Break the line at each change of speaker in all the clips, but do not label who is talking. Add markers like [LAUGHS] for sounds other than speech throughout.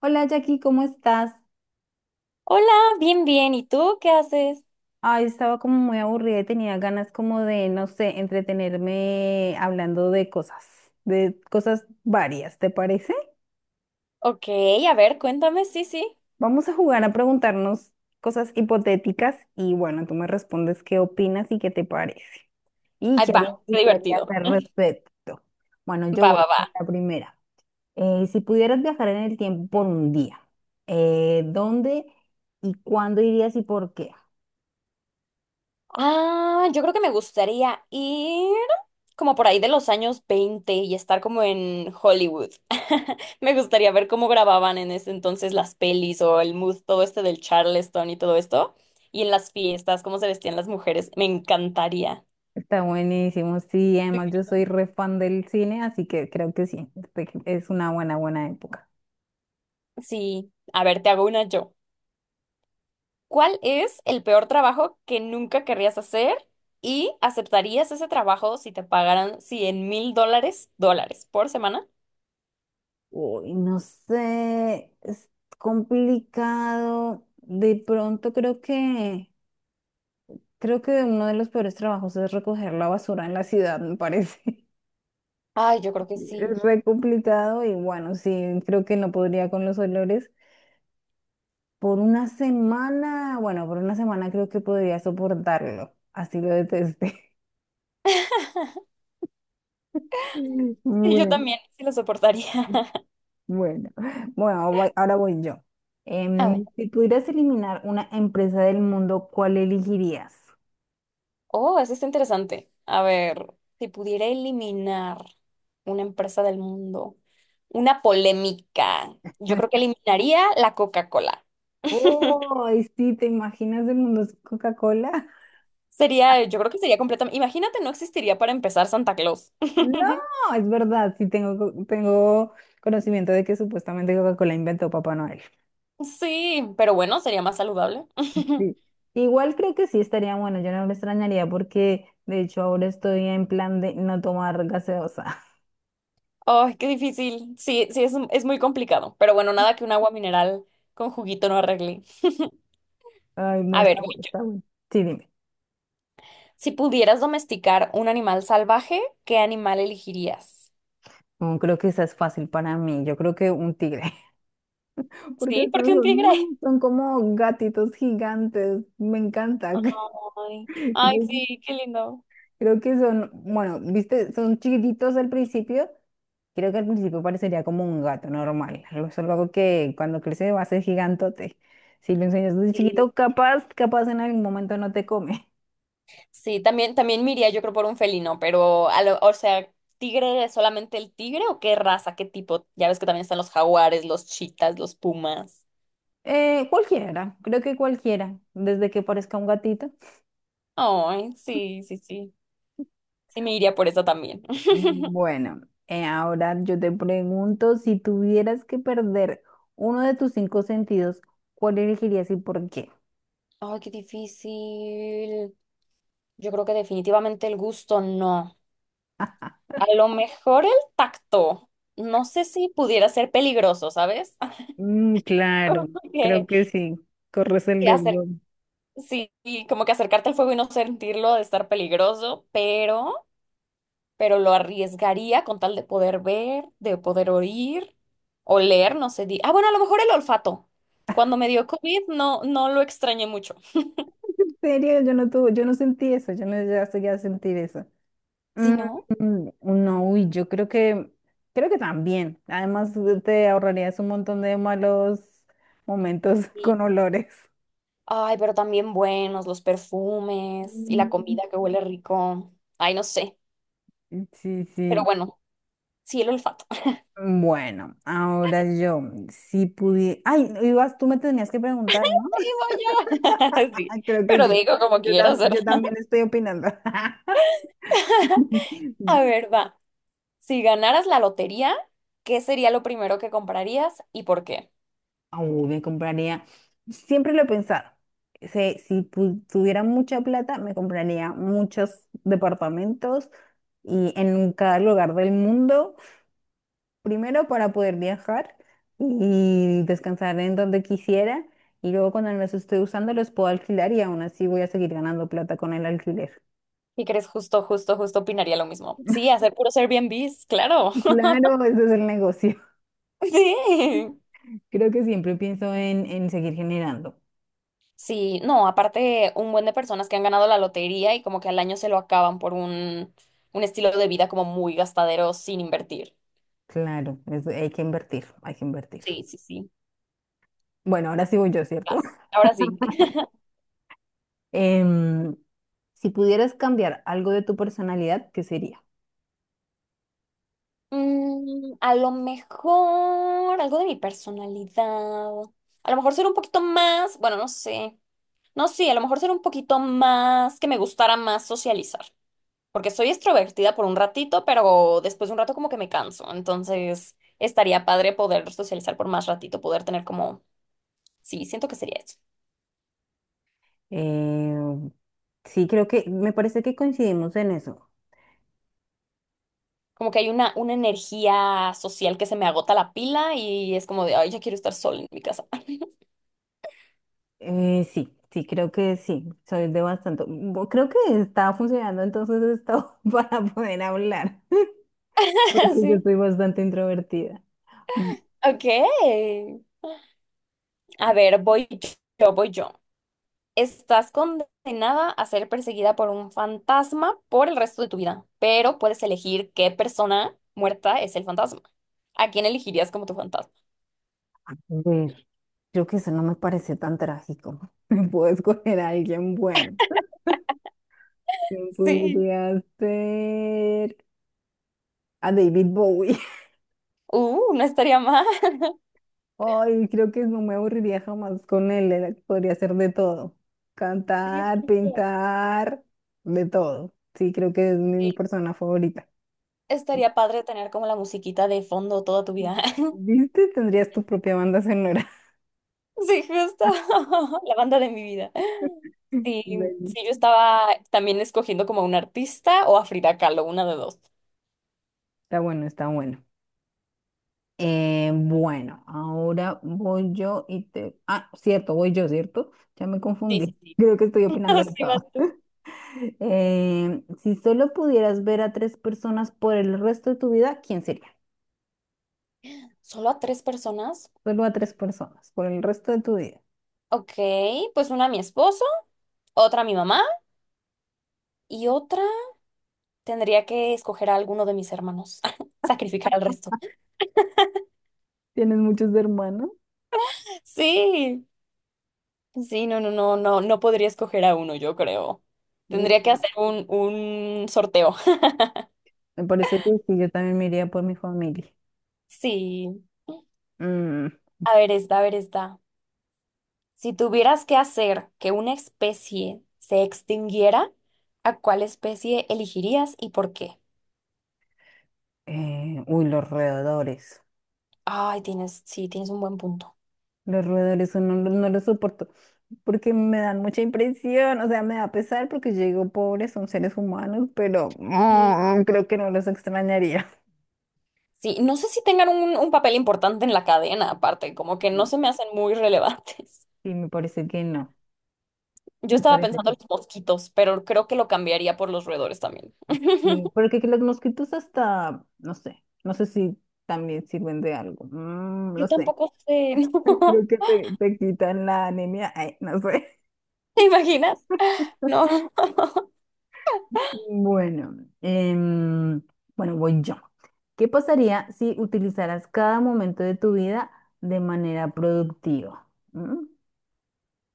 Hola Jackie, ¿cómo estás?
Hola, bien, bien. ¿Y tú qué haces?
Ay, estaba como muy aburrida y tenía ganas como de, no sé, entretenerme hablando de cosas varias, ¿te parece?
Ok, a ver, cuéntame. Sí, sí.
Vamos a jugar a preguntarnos cosas hipotéticas y bueno, tú me respondes qué opinas y qué te parece.
Ahí va,
Y
qué
qué harías
divertido.
al respecto. Bueno, yo
Va,
voy
va, va.
con la primera. Si pudieras viajar en el tiempo por un día, ¿dónde y cuándo irías y por qué?
Ah, yo creo que me gustaría ir como por ahí de los años 20 y estar como en Hollywood. [LAUGHS] Me gustaría ver cómo grababan en ese entonces las pelis o el mood, todo este del Charleston y todo esto. Y en las fiestas, cómo se vestían las mujeres. Me encantaría.
Está buenísimo, sí, además yo soy re fan del cine, así que creo que sí, este, es una buena, buena época.
Sí, a ver, te hago una yo. ¿Cuál es el peor trabajo que nunca querrías hacer y aceptarías ese trabajo si te pagaran 100 mil dólares por semana?
Uy, no sé, es complicado. De pronto creo que uno de los peores trabajos es recoger la basura en la ciudad, me parece. [LAUGHS]
Ay, yo creo que sí.
Es re complicado y bueno, sí, creo que no podría con los olores. Bueno, por una semana creo que podría soportarlo, así lo detesté.
[LAUGHS]
[LAUGHS]
Sí, yo
Bueno.
también, sí lo soportaría. [LAUGHS]
Bueno, [LAUGHS] bueno, ahora voy yo.
A ver.
Si pudieras eliminar una empresa del mundo, ¿cuál elegirías?
Oh, eso está interesante. A ver, si pudiera eliminar una empresa del mundo, una polémica, yo creo que
[LAUGHS]
eliminaría la Coca-Cola. [LAUGHS]
Oh, sí, ¿te imaginas el mundo sin Coca-Cola? [LAUGHS]
Sería, yo creo que sería completamente. Imagínate, no existiría para empezar Santa Claus.
No,
[LAUGHS]
es verdad, tengo conocimiento de que supuestamente Coca-Cola inventó Papá Noel.
Sí, pero bueno, sería más saludable. [LAUGHS]
Sí. Igual creo que sí estaría bueno, yo no lo extrañaría porque de hecho ahora estoy en plan de no tomar gaseosa.
Ay, qué difícil. Sí, sí, es muy complicado. Pero bueno, nada que un agua mineral con juguito no arregle.
[LAUGHS] Ay, no,
A ver,
está bueno,
voy yo.
está bueno. Sí, dime.
Si pudieras domesticar un animal salvaje, ¿qué animal elegirías?
Mm, creo que esa es fácil para mí, yo creo que un tigre. Porque
Sí,
son,
porque un tigre.
son como gatitos gigantes, me encanta. [LAUGHS]
Ay, ay,
Creo,
sí, qué lindo.
creo que son, bueno, viste, son chiquititos al principio. Creo que al principio parecería como un gato normal. Algo es algo que cuando crece va a ser gigantote. Si lo enseñas de
Sí,
chiquito, capaz en algún momento no te come.
sí, también, también me iría, yo creo, por un felino, pero, o sea, ¿tigre es solamente el tigre o qué raza, qué tipo? Ya ves que también están los jaguares, los chitas, los pumas.
Cualquiera, creo que cualquiera, desde que parezca un gatito.
Ay, sí, sí, sí. Sí, me iría por eso también. [LAUGHS]
Bueno, ahora yo te pregunto, si tuvieras que perder uno de tus cinco sentidos, ¿cuál elegirías y por qué?
Ay, qué difícil. Yo creo que definitivamente el gusto no.
[LAUGHS]
A lo mejor el tacto. No sé si pudiera ser peligroso, ¿sabes? [LAUGHS]
Mm,
Como
claro, creo
que,
que sí, corres el
que
riesgo.
acer-
En
sí, y como que acercarte al fuego y no sentirlo de estar peligroso, pero lo arriesgaría con tal de poder ver, de poder oír, oler, no sé. Ah, bueno, a lo mejor el olfato. Cuando me dio COVID no lo extrañé mucho.
serio, yo no sentí eso, yo no llegué a sentir eso.
Si
Mm,
no.
mm, no, uy, creo que también. Además, te ahorrarías un montón de malos momentos [LAUGHS]
Sí.
con olores.
Ay, pero también buenos los perfumes y la
Mm,
comida que huele rico. Ay, no sé.
sí,
Pero
sí.
bueno, sí, el olfato. [LAUGHS]
Bueno, ahora yo, si pudiera... Ay, ibas, tú me tenías que preguntar, ¿no?
Ahí voy yo. [LAUGHS] Sí,
[LAUGHS] Creo que
pero
yo,
digo como
yo, tam-
quieras, ¿verdad?
yo también estoy opinando. [LAUGHS]
A ver, va. Si ganaras la lotería, ¿qué sería lo primero que comprarías y por qué?
Uy, me compraría, siempre lo he pensado, se- si pu- tuviera mucha plata, me compraría muchos departamentos y en cada lugar del mundo. Primero para poder viajar y descansar en donde quisiera y luego cuando no los estoy usando los puedo alquilar y aún así voy a seguir ganando plata con el alquiler.
¿Y crees justo, justo, justo opinaría lo mismo? Sí, hacer puros Airbnbs, claro. [LAUGHS]
Claro, ese es el negocio.
Sí.
[LAUGHS] Creo que siempre pienso en seguir generando.
Sí, no, aparte un buen de personas que han ganado la lotería y como que al año se lo acaban por un estilo de vida como muy gastadero sin invertir.
Claro, hay que invertir, hay que invertir.
Sí, sí, sí.
Bueno, ahora sí voy yo, ¿cierto?
Vas.
[LAUGHS]
Ahora sí. [LAUGHS]
Em, si pudieras cambiar algo de tu personalidad, ¿qué sería?
Mm, a lo mejor algo de mi personalidad. A lo mejor ser un poquito más, bueno, no sé. No, sí, a lo mejor ser un poquito más que me gustara más socializar. Porque soy extrovertida por un ratito, pero después de un rato como que me canso. Entonces, estaría padre poder socializar por más ratito, poder tener como, sí, siento que sería eso.
Eh, sí, me parece que coincidimos en eso.
Como que hay una energía social que se me agota la pila y es como de, ay, ya quiero estar sola en mi casa.
Sí, sí, creo que sí, soy de bastante. Bu- Creo que está funcionando entonces esto [LAUGHS] para poder hablar, [LAUGHS]
[LAUGHS]
porque
Sí.
yo soy bastante introvertida. Mm,
Ok. A ver, voy yo. Estás condenada a ser perseguida por un fantasma por el resto de tu vida, pero puedes elegir qué persona muerta es el fantasma. ¿A quién elegirías como tu fantasma?
a ver, creo que eso no me parece tan trágico. [LAUGHS] Me puedo escoger a alguien bueno. ¿Quién
Sí.
podría ser? A David Bowie.
No estaría mal. [LAUGHS]
Ay, creo que no me aburriría jamás con él, podría hacer de todo.
Sí,
Cantar,
justo.
pintar, de todo. Sí, creo que es
Sí.
mi persona favorita.
Estaría padre tener como la musiquita de fondo toda tu vida. [LAUGHS]
¿Viste? Tendrías tu propia banda sonora.
Sí, justo.
[LAUGHS]
[LAUGHS] La banda de mi vida. Sí,
Bueno.
sí, yo estaba también escogiendo como a un artista o a Frida Kahlo, una de dos.
Está bueno, está bueno. Bueno, ahora voy yo y te... Ah, cierto, voy yo, ¿cierto? Ya me
Sí, sí,
confundí. [LAUGHS]
sí.
Creo que estoy
[LAUGHS]
opinando
No,
de
sí,
todo.
vas
[LAUGHS]
tú.
Si solo pudieras ver a tres personas por el resto de tu vida, ¿quién sería?
Solo a tres personas.
Solo a tres personas por el resto de tu vida.
Ok, pues una a mi esposo, otra a mi mamá y otra tendría que escoger a alguno de mis hermanos. [LAUGHS] Sacrificar al resto.
¿Tienes muchos hermanos?
Sí, sí, no, no, no, no, no podría escoger a uno, yo creo.
Uh.
Tendría que hacer un sorteo. [LAUGHS]
Me parece que sí, yo también me iría por mi familia.
Sí.
Mm,
A ver, esta, a ver, esta. Si tuvieras que hacer que una especie se extinguiera, ¿a cuál especie elegirías y por qué?
uy, los roedores.
Ay, tienes, sí, tienes un buen punto.
No, no los soporto porque me dan mucha impresión. O sea, me da pesar porque yo digo, pobres, son seres humanos, pero mm, creo que no los extrañaría.
Sí, no sé si tengan un papel importante en la cadena, aparte, como que no se me hacen muy relevantes.
Sí, me parece que no.
[LAUGHS] Yo
Me
estaba
parece que
pensando en los mosquitos, pero creo que lo cambiaría por los roedores también.
sí.
[LAUGHS]
Porque que los mosquitos hasta, no sé, no sé si también sirven de algo. Mm,
Yo
no sé.
tampoco sé, [LAUGHS]
[LAUGHS]
¿no?
Creo que te quitan la anemia. Ay, no sé.
¿Te imaginas? No.
Bueno, bueno, voy yo. ¿Qué pasaría si utilizaras cada momento de tu vida de manera productiva? ¿Mm?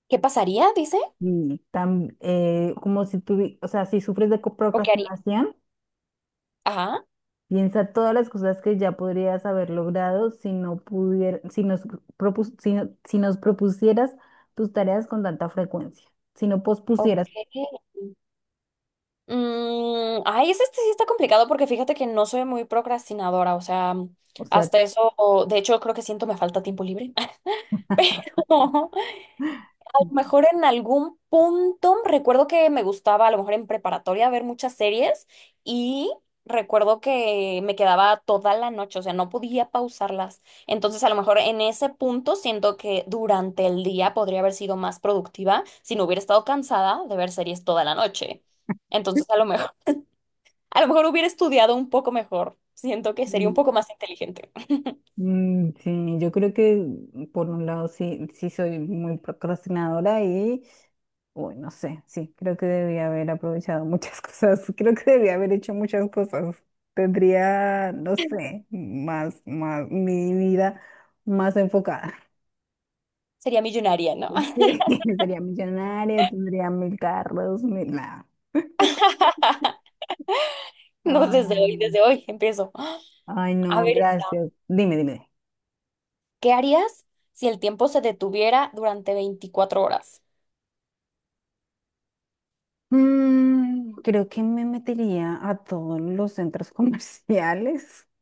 ¿Qué pasaría, dice?
Como o sea, si sufres de
¿O qué haría?
procrastinación,
Ajá.
piensa todas las cosas que ya podrías haber logrado si nos propusieras tus tareas con tanta frecuencia, si no
Ok.
pospusieras,
Mm, ay, ese este sí está complicado porque fíjate que no soy muy procrastinadora, o sea,
o sea,
hasta eso, de hecho creo que siento me falta tiempo libre, [LAUGHS] pero mejor en algún punto, recuerdo que me gustaba a lo mejor en preparatoria ver muchas series y recuerdo que me quedaba toda la noche, o sea, no podía pausarlas. Entonces, a lo mejor en ese punto siento que durante el día podría haber sido más productiva si no hubiera estado cansada de ver series toda la noche. Entonces, a lo mejor hubiera estudiado un poco mejor. Siento que sería un poco más inteligente. [LAUGHS]
mm, sí, yo creo que mm, por un lado sí, soy muy procrastinadora y, uy, no sé, sí, creo que debía haber aprovechado muchas [LAUGHS] cosas, creo que debía haber hecho muchas cosas. Tendría, no sé, más, mi vida más enfocada. [LAUGHS]
Sería millonaria, ¿no? [LAUGHS]
Sí, sería millonaria, tendría mil carros, mil, nada.
No,
Ay,
desde hoy empiezo.
ay,
A
no,
ver.
gracias. Dime, dime.
¿Qué harías si el tiempo se detuviera durante 24 horas?
Mm, creo que me metería a todos los centros comerciales. [LAUGHS]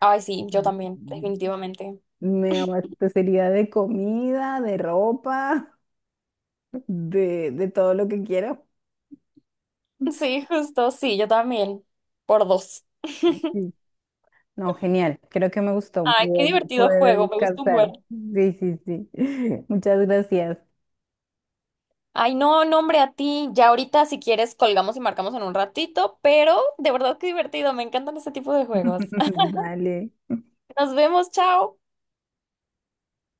Ay, sí, yo también,
Mm,
definitivamente. [LAUGHS]
me abastecería de comida, de ropa, [LAUGHS] de todo lo que quiero.
Sí, justo, sí, yo también. Por dos. [LAUGHS]
Sí. No, genial. Creo que me gustó
Ay, qué divertido
poder
juego, me gusta un
descansar.
buen.
Sí, sí, sí. [LAUGHS] Muchas gracias.
Ay, no, no, hombre, a ti. Ya ahorita, si quieres, colgamos y marcamos en un ratito, pero de verdad qué divertido, me encantan este tipo de juegos.
[LAUGHS] Vale.
[LAUGHS] Nos vemos, chao.